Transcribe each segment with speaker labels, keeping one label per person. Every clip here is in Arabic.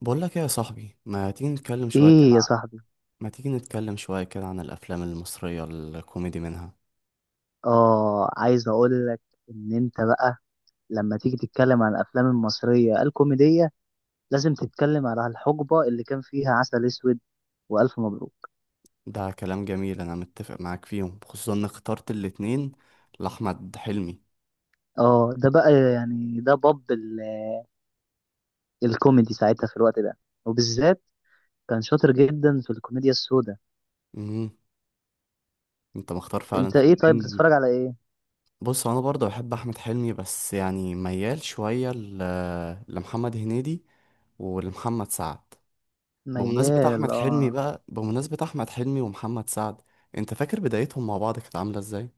Speaker 1: بقول لك ايه يا صاحبي، ما تيجي نتكلم شويه كده
Speaker 2: ايه يا
Speaker 1: عن-
Speaker 2: صاحبي؟
Speaker 1: ما تيجي نتكلم شويه كده عن الافلام المصريه الكوميدي منها؟
Speaker 2: اه، عايز اقول لك ان انت بقى لما تيجي تتكلم عن الافلام المصريه الكوميديه لازم تتكلم على الحقبه اللي كان فيها عسل اسود والف مبروك.
Speaker 1: ده كلام جميل، انا متفق معاك فيهم، خصوصا ان اخترت الاتنين لاحمد حلمي.
Speaker 2: اه ده بقى يعني ده باب الكوميدي ساعتها في الوقت ده، وبالذات كان شاطر جدا في الكوميديا السوداء.
Speaker 1: امم انت مختار فعلا
Speaker 2: وانت ايه طيب، بتتفرج
Speaker 1: فيلمين.
Speaker 2: على ايه؟
Speaker 1: بص، انا برضه بحب احمد حلمي، بس يعني ميال شويه لمحمد هنيدي ولمحمد سعد. بمناسبة
Speaker 2: ميال،
Speaker 1: أحمد حلمي
Speaker 2: اه.
Speaker 1: بقى بمناسبة أحمد حلمي ومحمد سعد، أنت فاكر بدايتهم مع بعض كانت عاملة إزاي؟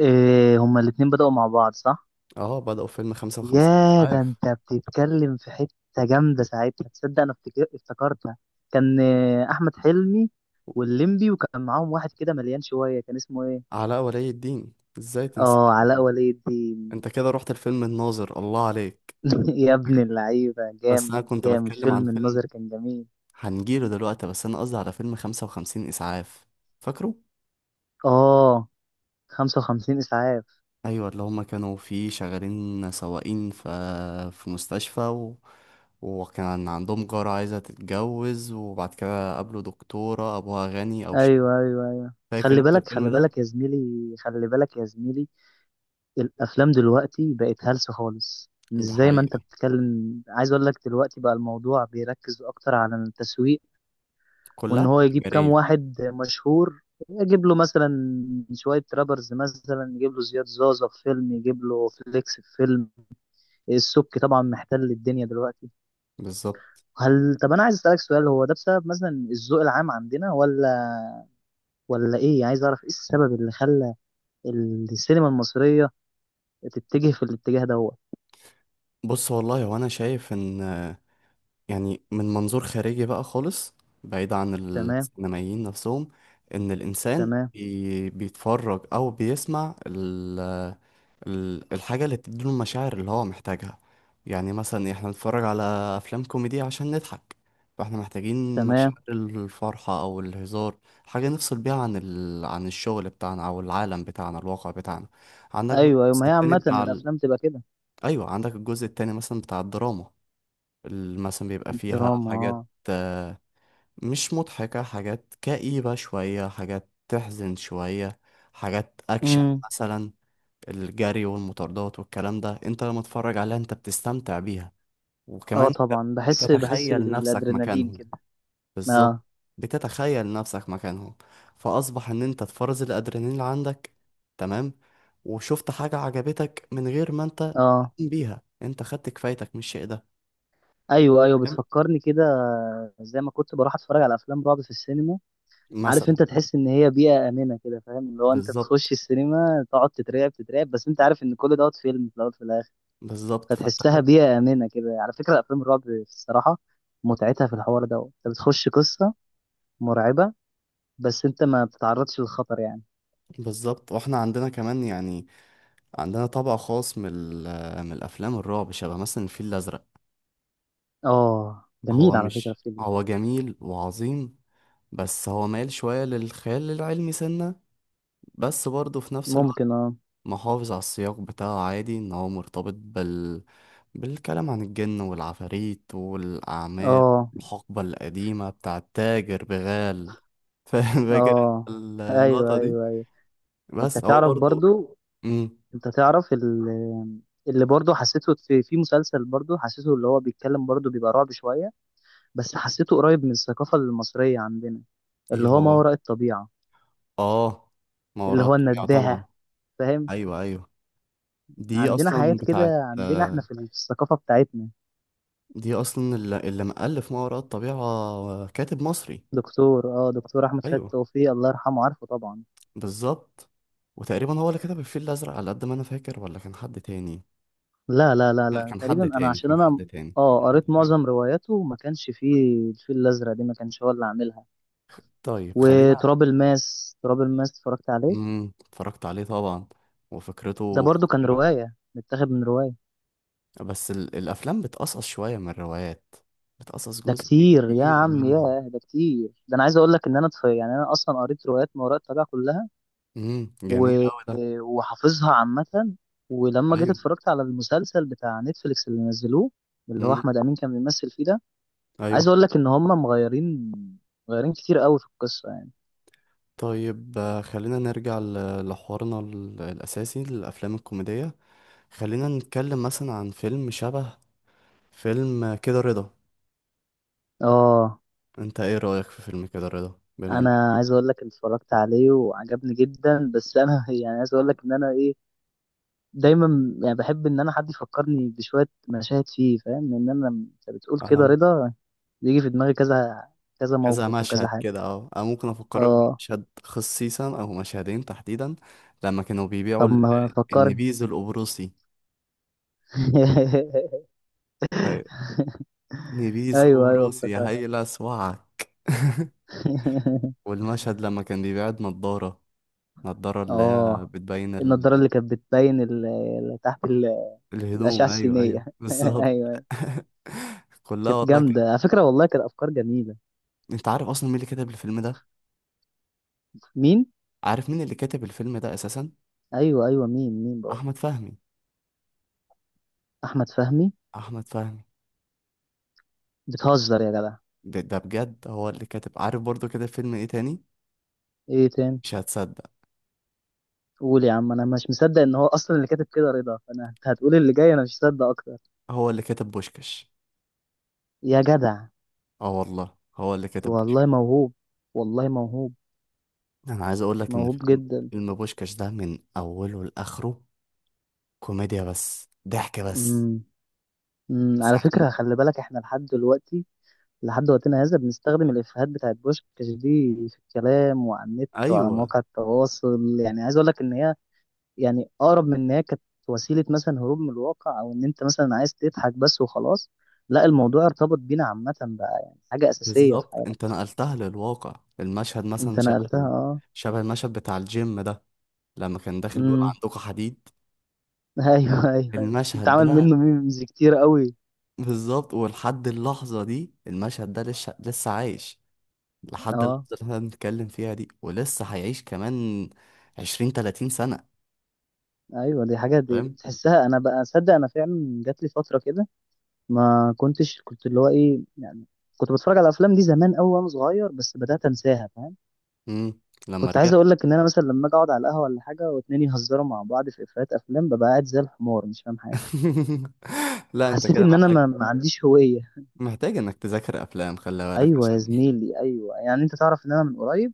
Speaker 2: إيه، هما الاتنين بدأوا مع بعض صح؟
Speaker 1: آه، بدأوا فيلم 55
Speaker 2: يا، ده
Speaker 1: إسعاف.
Speaker 2: انت بتتكلم في حتة جامدة ساعتها، تصدق انا افتكرتها. كان احمد حلمي واللمبي، وكان معاهم واحد كده مليان شوية، كان اسمه ايه؟
Speaker 1: علاء ولي الدين، ازاي تنسى
Speaker 2: اه، علاء
Speaker 1: الحريم؟
Speaker 2: ولي الدين.
Speaker 1: انت كده رحت الفيلم الناظر، الله عليك.
Speaker 2: يا ابن اللعيبة،
Speaker 1: بس
Speaker 2: جامد
Speaker 1: انا كنت
Speaker 2: جامد،
Speaker 1: بتكلم عن
Speaker 2: فيلم
Speaker 1: فيلم
Speaker 2: الناظر كان جميل.
Speaker 1: هنجيله دلوقتي، بس انا قصدي على فيلم 55 اسعاف، فاكره؟
Speaker 2: اه، 55 اسعاف.
Speaker 1: ايوه، اللي هما كانوا فيه شغالين سواقين في مستشفى وكان عندهم جارة عايزة تتجوز، وبعد كده قابلوا دكتورة ابوها غني او شيخ.
Speaker 2: ايوه ايوه ايوه،
Speaker 1: فاكر
Speaker 2: خلي
Speaker 1: انت
Speaker 2: بالك خلي
Speaker 1: الفيلم ده؟
Speaker 2: بالك يا زميلي، خلي بالك يا زميلي. الافلام دلوقتي بقت هلس خالص، مش
Speaker 1: ده
Speaker 2: زي ما انت
Speaker 1: حقيقة،
Speaker 2: بتتكلم. عايز اقول لك دلوقتي بقى الموضوع بيركز اكتر على التسويق، وان
Speaker 1: كلها
Speaker 2: هو يجيب كام
Speaker 1: تجارية.
Speaker 2: واحد مشهور، يجيب له مثلا شوية رابرز، مثلا يجيب له زياد زازا في فيلم، يجيب له فليكس في فيلم. السبكي طبعا محتل الدنيا دلوقتي.
Speaker 1: بالظبط.
Speaker 2: هل، طب انا عايز اسالك سؤال، هو ده بسبب مثلا الذوق العام عندنا ولا ايه يعني؟ عايز اعرف ايه السبب اللي خلى السينما المصرية تتجه في الاتجاه دوت.
Speaker 1: بص، والله وانا شايف ان، يعني من منظور خارجي بقى خالص، بعيد عن
Speaker 2: تمام.
Speaker 1: السينمائيين نفسهم، ان الانسان
Speaker 2: تمام.
Speaker 1: بيتفرج او بيسمع ال ال الحاجه اللي بتديله المشاعر اللي هو محتاجها. يعني مثلا احنا نتفرج على افلام كوميدي عشان نضحك، فاحنا محتاجين
Speaker 2: تمام.
Speaker 1: مشاعر الفرحه او الهزار، حاجه نفصل بيها عن الشغل بتاعنا او العالم بتاعنا، الواقع بتاعنا. عندك بقى
Speaker 2: ايوه ايوه،
Speaker 1: الجزء
Speaker 2: ما هي
Speaker 1: التاني
Speaker 2: عامة
Speaker 1: بتاع.
Speaker 2: الافلام تبقى كده.
Speaker 1: ايوه، عندك الجزء التاني مثلا بتاع الدراما، مثلا بيبقى فيها
Speaker 2: دراما، اه.
Speaker 1: حاجات، آه، مش مضحكة، حاجات كئيبة شوية، حاجات تحزن شوية، حاجات أكشن
Speaker 2: امم.
Speaker 1: مثلا. الجري والمطاردات والكلام ده، انت لما تتفرج عليها انت بتستمتع بيها،
Speaker 2: اه،
Speaker 1: وكمان انت
Speaker 2: طبعا بحس
Speaker 1: بتتخيل نفسك
Speaker 2: بالادرينالين
Speaker 1: مكانهم.
Speaker 2: كده.
Speaker 1: بالظبط.
Speaker 2: اه.
Speaker 1: بتتخيل نفسك مكانهم فأصبح ان انت تفرز الأدرينالين اللي عندك. تمام. وشفت حاجة عجبتك من غير ما انت
Speaker 2: اه،
Speaker 1: تقوم بيها، انت خدت كفايتك من الشيء ده،
Speaker 2: ايوه ايوه،
Speaker 1: فاهم؟
Speaker 2: بتفكرني كده. زي ما كنت بروح اتفرج على افلام رعب في السينما، عارف؟
Speaker 1: مثلا،
Speaker 2: انت تحس ان هي بيئة امنة كده فاهم، اللي هو انت
Speaker 1: بالظبط،
Speaker 2: بتخش السينما تقعد تترعب تترعب بس انت عارف ان كل دوت فيلم، في الاول في الاخر.
Speaker 1: بالظبط، فاحنا
Speaker 2: فتحسها
Speaker 1: خد.
Speaker 2: بيئة امنة كده. على فكرة افلام الرعب الصراحة، متعتها في الحوار دوت، انت بتخش قصة مرعبة بس انت ما بتتعرضش للخطر يعني.
Speaker 1: بالظبط، واحنا عندنا كمان يعني، عندنا طبع خاص من الافلام الرعب، شبه مثلا الفيل الازرق.
Speaker 2: اه
Speaker 1: هو
Speaker 2: جميل. على فكرة،
Speaker 1: مش
Speaker 2: في ال-.
Speaker 1: هو جميل وعظيم، بس هو مايل شويه للخيال العلمي سنه، بس برضه في نفس الوقت
Speaker 2: ممكن، اه.
Speaker 1: محافظ على السياق بتاعه، عادي ان هو مرتبط بالكلام عن الجن والعفاريت والاعمال،
Speaker 2: اه،
Speaker 1: الحقبه القديمه بتاع التاجر بغال فاكر
Speaker 2: اه.
Speaker 1: انت
Speaker 2: ايوه
Speaker 1: اللقطه دي؟
Speaker 2: ايوه ايوه. انت
Speaker 1: بس هو
Speaker 2: تعرف
Speaker 1: برضه.
Speaker 2: برضو،
Speaker 1: امم.
Speaker 2: انت تعرف اللي برضو حسيته في مسلسل، برضو حسيته اللي هو بيتكلم برضو بيبقى رعب شوية، بس حسيته قريب من الثقافة المصرية عندنا،
Speaker 1: ايه
Speaker 2: اللي هو ما
Speaker 1: هو؟
Speaker 2: وراء الطبيعة،
Speaker 1: اه،
Speaker 2: اللي
Speaker 1: مهارات
Speaker 2: هو
Speaker 1: طبيعة طبعا.
Speaker 2: النداهة، فاهم؟
Speaker 1: ايوه، ايوه، دي
Speaker 2: عندنا
Speaker 1: اصلا
Speaker 2: حاجات
Speaker 1: بتاعت
Speaker 2: كده، عندنا احنا
Speaker 1: آه،
Speaker 2: في الثقافة بتاعتنا.
Speaker 1: دي اصلا اللي مؤلف مهارات طبيعة، كاتب مصري.
Speaker 2: دكتور احمد خالد
Speaker 1: ايوه.
Speaker 2: توفيق الله يرحمه، عارفه طبعا.
Speaker 1: بالظبط. وتقريبا هو اللي كتب الفيل الازرق على قد ما انا فاكر، ولا كان حد تاني؟
Speaker 2: لا لا لا
Speaker 1: لا،
Speaker 2: لا،
Speaker 1: كان
Speaker 2: تقريبا
Speaker 1: حد
Speaker 2: انا
Speaker 1: تاني،
Speaker 2: عشان
Speaker 1: كان
Speaker 2: انا
Speaker 1: حد تاني،
Speaker 2: اه
Speaker 1: كان
Speaker 2: قريت
Speaker 1: حد تاني.
Speaker 2: معظم رواياته، ما كانش فيه الفيل الازرق، دي ما كانش هو اللي عاملها.
Speaker 1: طيب خلينا.
Speaker 2: وتراب الماس، تراب الماس اتفرجت عليه.
Speaker 1: اتفرجت عليه طبعا،
Speaker 2: ده
Speaker 1: وفكرته
Speaker 2: برضو كان
Speaker 1: خطيرة.
Speaker 2: رواية، متاخد من رواية.
Speaker 1: الافلام بتقصص شوية من الروايات، بتقصص
Speaker 2: ده
Speaker 1: جزء
Speaker 2: كتير يا
Speaker 1: كتير
Speaker 2: عم،
Speaker 1: منها.
Speaker 2: يا ده كتير، ده انا عايز اقول لك ان انا يعني انا اصلا قريت روايات ما وراء الطبيعة كلها،
Speaker 1: جميل
Speaker 2: و...
Speaker 1: قوي ده.
Speaker 2: وحافظها عامة. ولما جيت
Speaker 1: ايوه،
Speaker 2: اتفرجت على المسلسل بتاع نتفليكس اللي نزلوه، اللي هو احمد امين كان بيمثل فيه ده، عايز
Speaker 1: ايوه.
Speaker 2: اقول لك ان هم مغيرين، مغيرين كتير قوي في القصة يعني.
Speaker 1: طيب، خلينا نرجع لحوارنا الاساسي للافلام الكوميديه. خلينا نتكلم مثلا عن فيلم شبه فيلم كده رضا.
Speaker 2: اه،
Speaker 1: انت ايه رايك في فيلم كده رضا؟ بما ان
Speaker 2: انا عايز اقول لك إن اتفرجت عليه وعجبني جدا، بس انا يعني عايز اقول لك ان انا ايه، دايما يعني بحب ان انا حد يفكرني بشويه مشاهد فيه، فاهم؟ ان انا انت بتقول
Speaker 1: انا
Speaker 2: كده
Speaker 1: م-
Speaker 2: رضا، بيجي في دماغي كذا كذا
Speaker 1: كذا
Speaker 2: موقف وكذا
Speaker 1: مشهد
Speaker 2: حاجه.
Speaker 1: كده، اه انا ممكن افكرك
Speaker 2: اه،
Speaker 1: بمشهد خصيصا او مشهدين تحديدا. لما كانوا بيبيعوا
Speaker 2: طب ما فكرني.
Speaker 1: النبيذ القبرصي، ف- نبيذ
Speaker 2: ايوه ايوه،
Speaker 1: قبرصي يا
Speaker 2: افتكرت.
Speaker 1: هيلا اسوعك. والمشهد لما كان بيبيع النضاره، النضاره اللي هي
Speaker 2: اه،
Speaker 1: بتبين
Speaker 2: النضاره اللي كانت بتبين تحت الاشعه
Speaker 1: الهدوم، ايوه، ايوه،
Speaker 2: السينيه.
Speaker 1: بالظبط.
Speaker 2: ايوه. أيوة.
Speaker 1: كلها
Speaker 2: كانت
Speaker 1: والله كده.
Speaker 2: جامده على فكره، والله كانت افكار جميله.
Speaker 1: انت عارف اصلا مين اللي كتب الفيلم ده؟
Speaker 2: مين؟
Speaker 1: عارف مين اللي كتب الفيلم ده اساسا؟
Speaker 2: ايوه ايوه، مين بقول؟
Speaker 1: احمد فهمي.
Speaker 2: احمد فهمي.
Speaker 1: احمد فهمي.
Speaker 2: بتهزر يا جدع.
Speaker 1: ده بجد هو اللي كاتب، عارف برضو كده فيلم ايه تاني؟
Speaker 2: ايه تاني؟
Speaker 1: مش هتصدق.
Speaker 2: قول يا عم، انا مش مصدق ان هو اصلا اللي كاتب كده رضا، فانا انت هتقول اللي جاي انا مش مصدق اكتر.
Speaker 1: هو اللي كاتب بوشكش.
Speaker 2: يا جدع،
Speaker 1: اه والله هو اللي كاتب
Speaker 2: والله
Speaker 1: بوشكش.
Speaker 2: موهوب، والله موهوب.
Speaker 1: انا عايز اقول لك ان
Speaker 2: موهوب
Speaker 1: فيلم
Speaker 2: جدا.
Speaker 1: فيلم بوشكش ده من اوله لاخره كوميديا، بس ضحك بس،
Speaker 2: امم. على
Speaker 1: ساعة.
Speaker 2: فكره خلي بالك، احنا لحد دلوقتي لحد وقتنا هذا بنستخدم الافيهات بتاعت بوشكاش دي في الكلام وعلى النت وعلى
Speaker 1: ايوه،
Speaker 2: مواقع التواصل، يعني عايز اقول لك ان هي، يعني اقرب من ان هي كانت وسيله مثلا هروب من الواقع، او ان انت مثلا عايز تضحك بس وخلاص. لا، الموضوع ارتبط بينا عامه بقى، يعني حاجه اساسيه في
Speaker 1: بالظبط
Speaker 2: حياتنا.
Speaker 1: انت نقلتها للواقع، المشهد مثلا
Speaker 2: انت نقلتها،
Speaker 1: شبه
Speaker 2: اه.
Speaker 1: شبه المشهد بتاع الجيم ده، لما كان داخل بيقول
Speaker 2: امم.
Speaker 1: عندكم حديد.
Speaker 2: ايوه ايوه ايوه،
Speaker 1: المشهد ده،
Speaker 2: اتعمل منه ميمز كتير قوي.
Speaker 1: بالظبط، ولحد اللحظة دي المشهد ده لسه لسه عايش، لحد
Speaker 2: اه.
Speaker 1: اللحظة اللي احنا بنتكلم فيها دي، ولسه هيعيش كمان 20 30 سنة.
Speaker 2: ايوه، دي حاجه، دي
Speaker 1: فاهم؟
Speaker 2: تحسها. انا بقى اصدق انا فعلا جات لي فتره كده، ما كنتش كنت اللي هو ايه يعني، كنت بتفرج على الافلام دي زمان قوي وانا صغير بس بدات انساها، فاهم؟
Speaker 1: مم. لما
Speaker 2: كنت عايز
Speaker 1: رجعت
Speaker 2: اقول لك ان انا مثلا لما اجي اقعد على القهوه ولا حاجه واتنين يهزروا مع بعض في افيهات افلام، ببقى قاعد زي الحمار مش فاهم حاجه.
Speaker 1: لا، انت
Speaker 2: حسيت
Speaker 1: كده
Speaker 2: ان انا
Speaker 1: محتاج
Speaker 2: ما عنديش هويه.
Speaker 1: محتاج انك تذاكر افلام، خلي بالك
Speaker 2: ايوه يا
Speaker 1: عشان
Speaker 2: زميلي، ايوه، يعني انت تعرف ان انا من قريب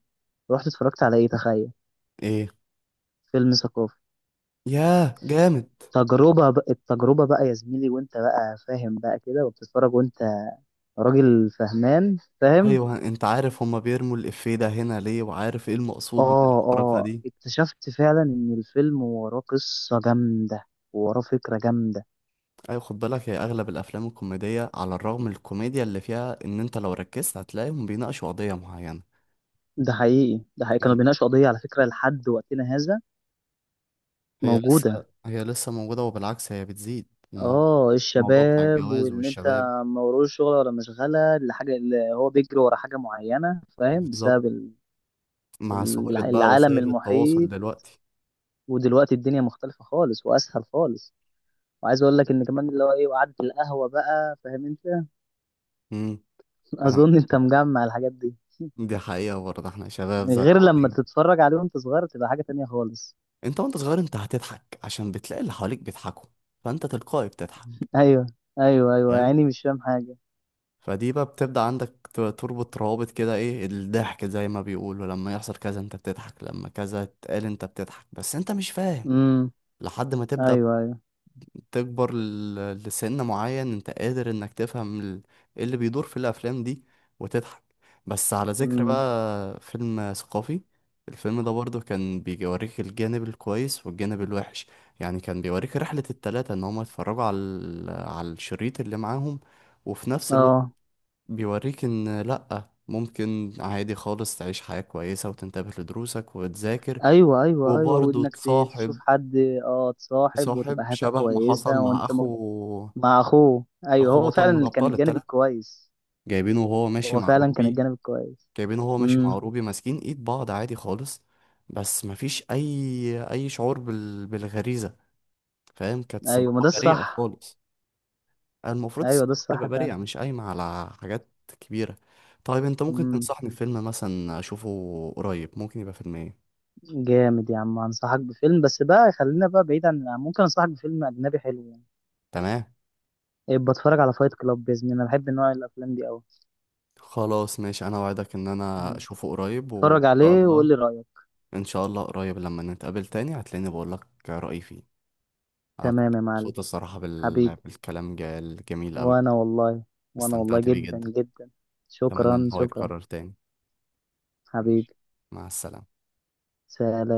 Speaker 2: رحت اتفرجت على ايه، تخيل.
Speaker 1: ايه.
Speaker 2: فيلم ثقافي.
Speaker 1: ياه، جامد.
Speaker 2: تجربه بقى، التجربه بقى يا زميلي، وانت بقى فاهم بقى كده وبتتفرج وانت راجل فهمان، فاهم.
Speaker 1: ايوه، انت عارف هما بيرموا الافيه ده هنا ليه، وعارف ايه المقصود من
Speaker 2: اه،
Speaker 1: الحركه
Speaker 2: اه،
Speaker 1: دي.
Speaker 2: اكتشفت فعلا ان الفيلم وراه قصه جامده، وراه فكره جامده.
Speaker 1: ايوه، خد بالك، هي اغلب الافلام الكوميديه على الرغم من الكوميديا اللي فيها، ان انت لو ركزت هتلاقيهم بيناقشوا قضيه معينه،
Speaker 2: ده حقيقي، ده حقيقي كانوا
Speaker 1: يعني.
Speaker 2: بيناقشوا قضيه، على فكره لحد وقتنا هذا
Speaker 1: هي لسه
Speaker 2: موجودة.
Speaker 1: هي لسه موجوده، وبالعكس هي بتزيد. الموضوع
Speaker 2: اه
Speaker 1: الموضوع بتاع
Speaker 2: الشباب،
Speaker 1: الجواز
Speaker 2: وان انت
Speaker 1: والشباب.
Speaker 2: ما وروش شغل ولا مشغلة، الحاجة اللي هو بيجري ورا حاجة معينة، فاهم؟
Speaker 1: بالظبط،
Speaker 2: بسبب ال-.
Speaker 1: مع سهوله بقى
Speaker 2: العالم
Speaker 1: وسائل التواصل
Speaker 2: المحيط،
Speaker 1: دلوقتي.
Speaker 2: ودلوقتي الدنيا مختلفة خالص واسهل خالص، وعايز اقول لك ان كمان اللي هو ايه وقعدة القهوة بقى، فاهم انت؟
Speaker 1: امم انا
Speaker 2: اظن انت مجمع الحاجات دي.
Speaker 1: دي حقيقه برضه، احنا شباب زي
Speaker 2: غير لما
Speaker 1: بعضين.
Speaker 2: تتفرج عليه وانت صغير، تبقى حاجة تانية خالص.
Speaker 1: انت وانت صغير انت هتضحك عشان بتلاقي اللي حواليك بيضحكوا، فانت تلقائي بتضحك.
Speaker 2: ايوه ايوه ايوه،
Speaker 1: فاهم؟
Speaker 2: يعني مش فاهم حاجة.
Speaker 1: فدي بقى بتبدأ عندك تربط روابط كده، ايه الضحك زي ما بيقولوا، لما يحصل كذا انت بتضحك، لما كذا اتقال انت بتضحك، بس انت مش فاهم
Speaker 2: امم.
Speaker 1: لحد ما تبدأ
Speaker 2: ايوه ايوه.
Speaker 1: تكبر لسن معين انت قادر انك تفهم ايه اللي بيدور في الافلام دي، وتضحك. بس على ذكر
Speaker 2: امم.
Speaker 1: بقى فيلم ثقافي، الفيلم ده برضه كان بيوريك الجانب الكويس والجانب الوحش، يعني كان بيوريك رحلة التلاتة ان هما يتفرجوا على الشريط اللي معاهم، وفي نفس الوقت
Speaker 2: اه،
Speaker 1: بيوريك ان لأ، ممكن عادي خالص تعيش حياة كويسة وتنتبه لدروسك وتذاكر،
Speaker 2: ايوه ايوه ايوه،
Speaker 1: وبرضه
Speaker 2: وانك تشوف
Speaker 1: تصاحب
Speaker 2: حد. اه، تصاحب وتبقى
Speaker 1: تصاحب
Speaker 2: حياتك
Speaker 1: شبه ما
Speaker 2: كويسه،
Speaker 1: حصل مع
Speaker 2: وانت م-.
Speaker 1: أخو،
Speaker 2: مع اخوه، ايوه،
Speaker 1: أخو
Speaker 2: هو
Speaker 1: بطل
Speaker 2: فعلا
Speaker 1: من
Speaker 2: اللي كان
Speaker 1: الأبطال
Speaker 2: الجانب
Speaker 1: التلاتة،
Speaker 2: الكويس.
Speaker 1: جايبينه وهو ماشي
Speaker 2: هو
Speaker 1: مع
Speaker 2: فعلا كان
Speaker 1: روبي
Speaker 2: الجانب الكويس.
Speaker 1: جايبينه وهو ماشي مع
Speaker 2: امم.
Speaker 1: روبي ماسكين إيد بعض، عادي خالص، بس مفيش أي شعور بالغريزة، فاهم، كانت
Speaker 2: ايوه، ما
Speaker 1: سباقة
Speaker 2: ده
Speaker 1: بريئة
Speaker 2: الصح.
Speaker 1: خالص. المفروض
Speaker 2: ايوه، ده
Speaker 1: الصداقة
Speaker 2: الصح
Speaker 1: تبقى
Speaker 2: فعلا.
Speaker 1: بريئة، مش قايمة على حاجات كبيرة. طيب، انت ممكن
Speaker 2: امم.
Speaker 1: تنصحني بفيلم مثلا اشوفه قريب، ممكن يبقى فيلم ايه؟
Speaker 2: جامد يا عم، انصحك بفيلم بس بقى خلينا بقى بعيد عن، ممكن انصحك بفيلم اجنبي حلو يعني.
Speaker 1: تمام،
Speaker 2: بتفرج على فايت كلاب باذن الله، انا بحب نوع الافلام دي قوي.
Speaker 1: خلاص ماشي، انا وعدك ان انا اشوفه قريب، وان
Speaker 2: اتفرج
Speaker 1: شاء
Speaker 2: عليه وقول
Speaker 1: الله.
Speaker 2: لي رايك.
Speaker 1: ان شاء الله قريب، لما نتقابل تاني هتلاقيني بقول لك رأيي فيه. انا
Speaker 2: تمام
Speaker 1: كنت
Speaker 2: يا معلم.
Speaker 1: مبسوط الصراحة
Speaker 2: حبيبي.
Speaker 1: بالكلام الجميل قوي،
Speaker 2: وانا والله، وانا والله
Speaker 1: استمتعت بيه
Speaker 2: جدا
Speaker 1: جدا،
Speaker 2: جدا.
Speaker 1: اتمنى ان
Speaker 2: شكرا
Speaker 1: هو
Speaker 2: شكرا.
Speaker 1: يتكرر تاني. ماشي،
Speaker 2: حبيبي.
Speaker 1: مع السلامة.
Speaker 2: سلام.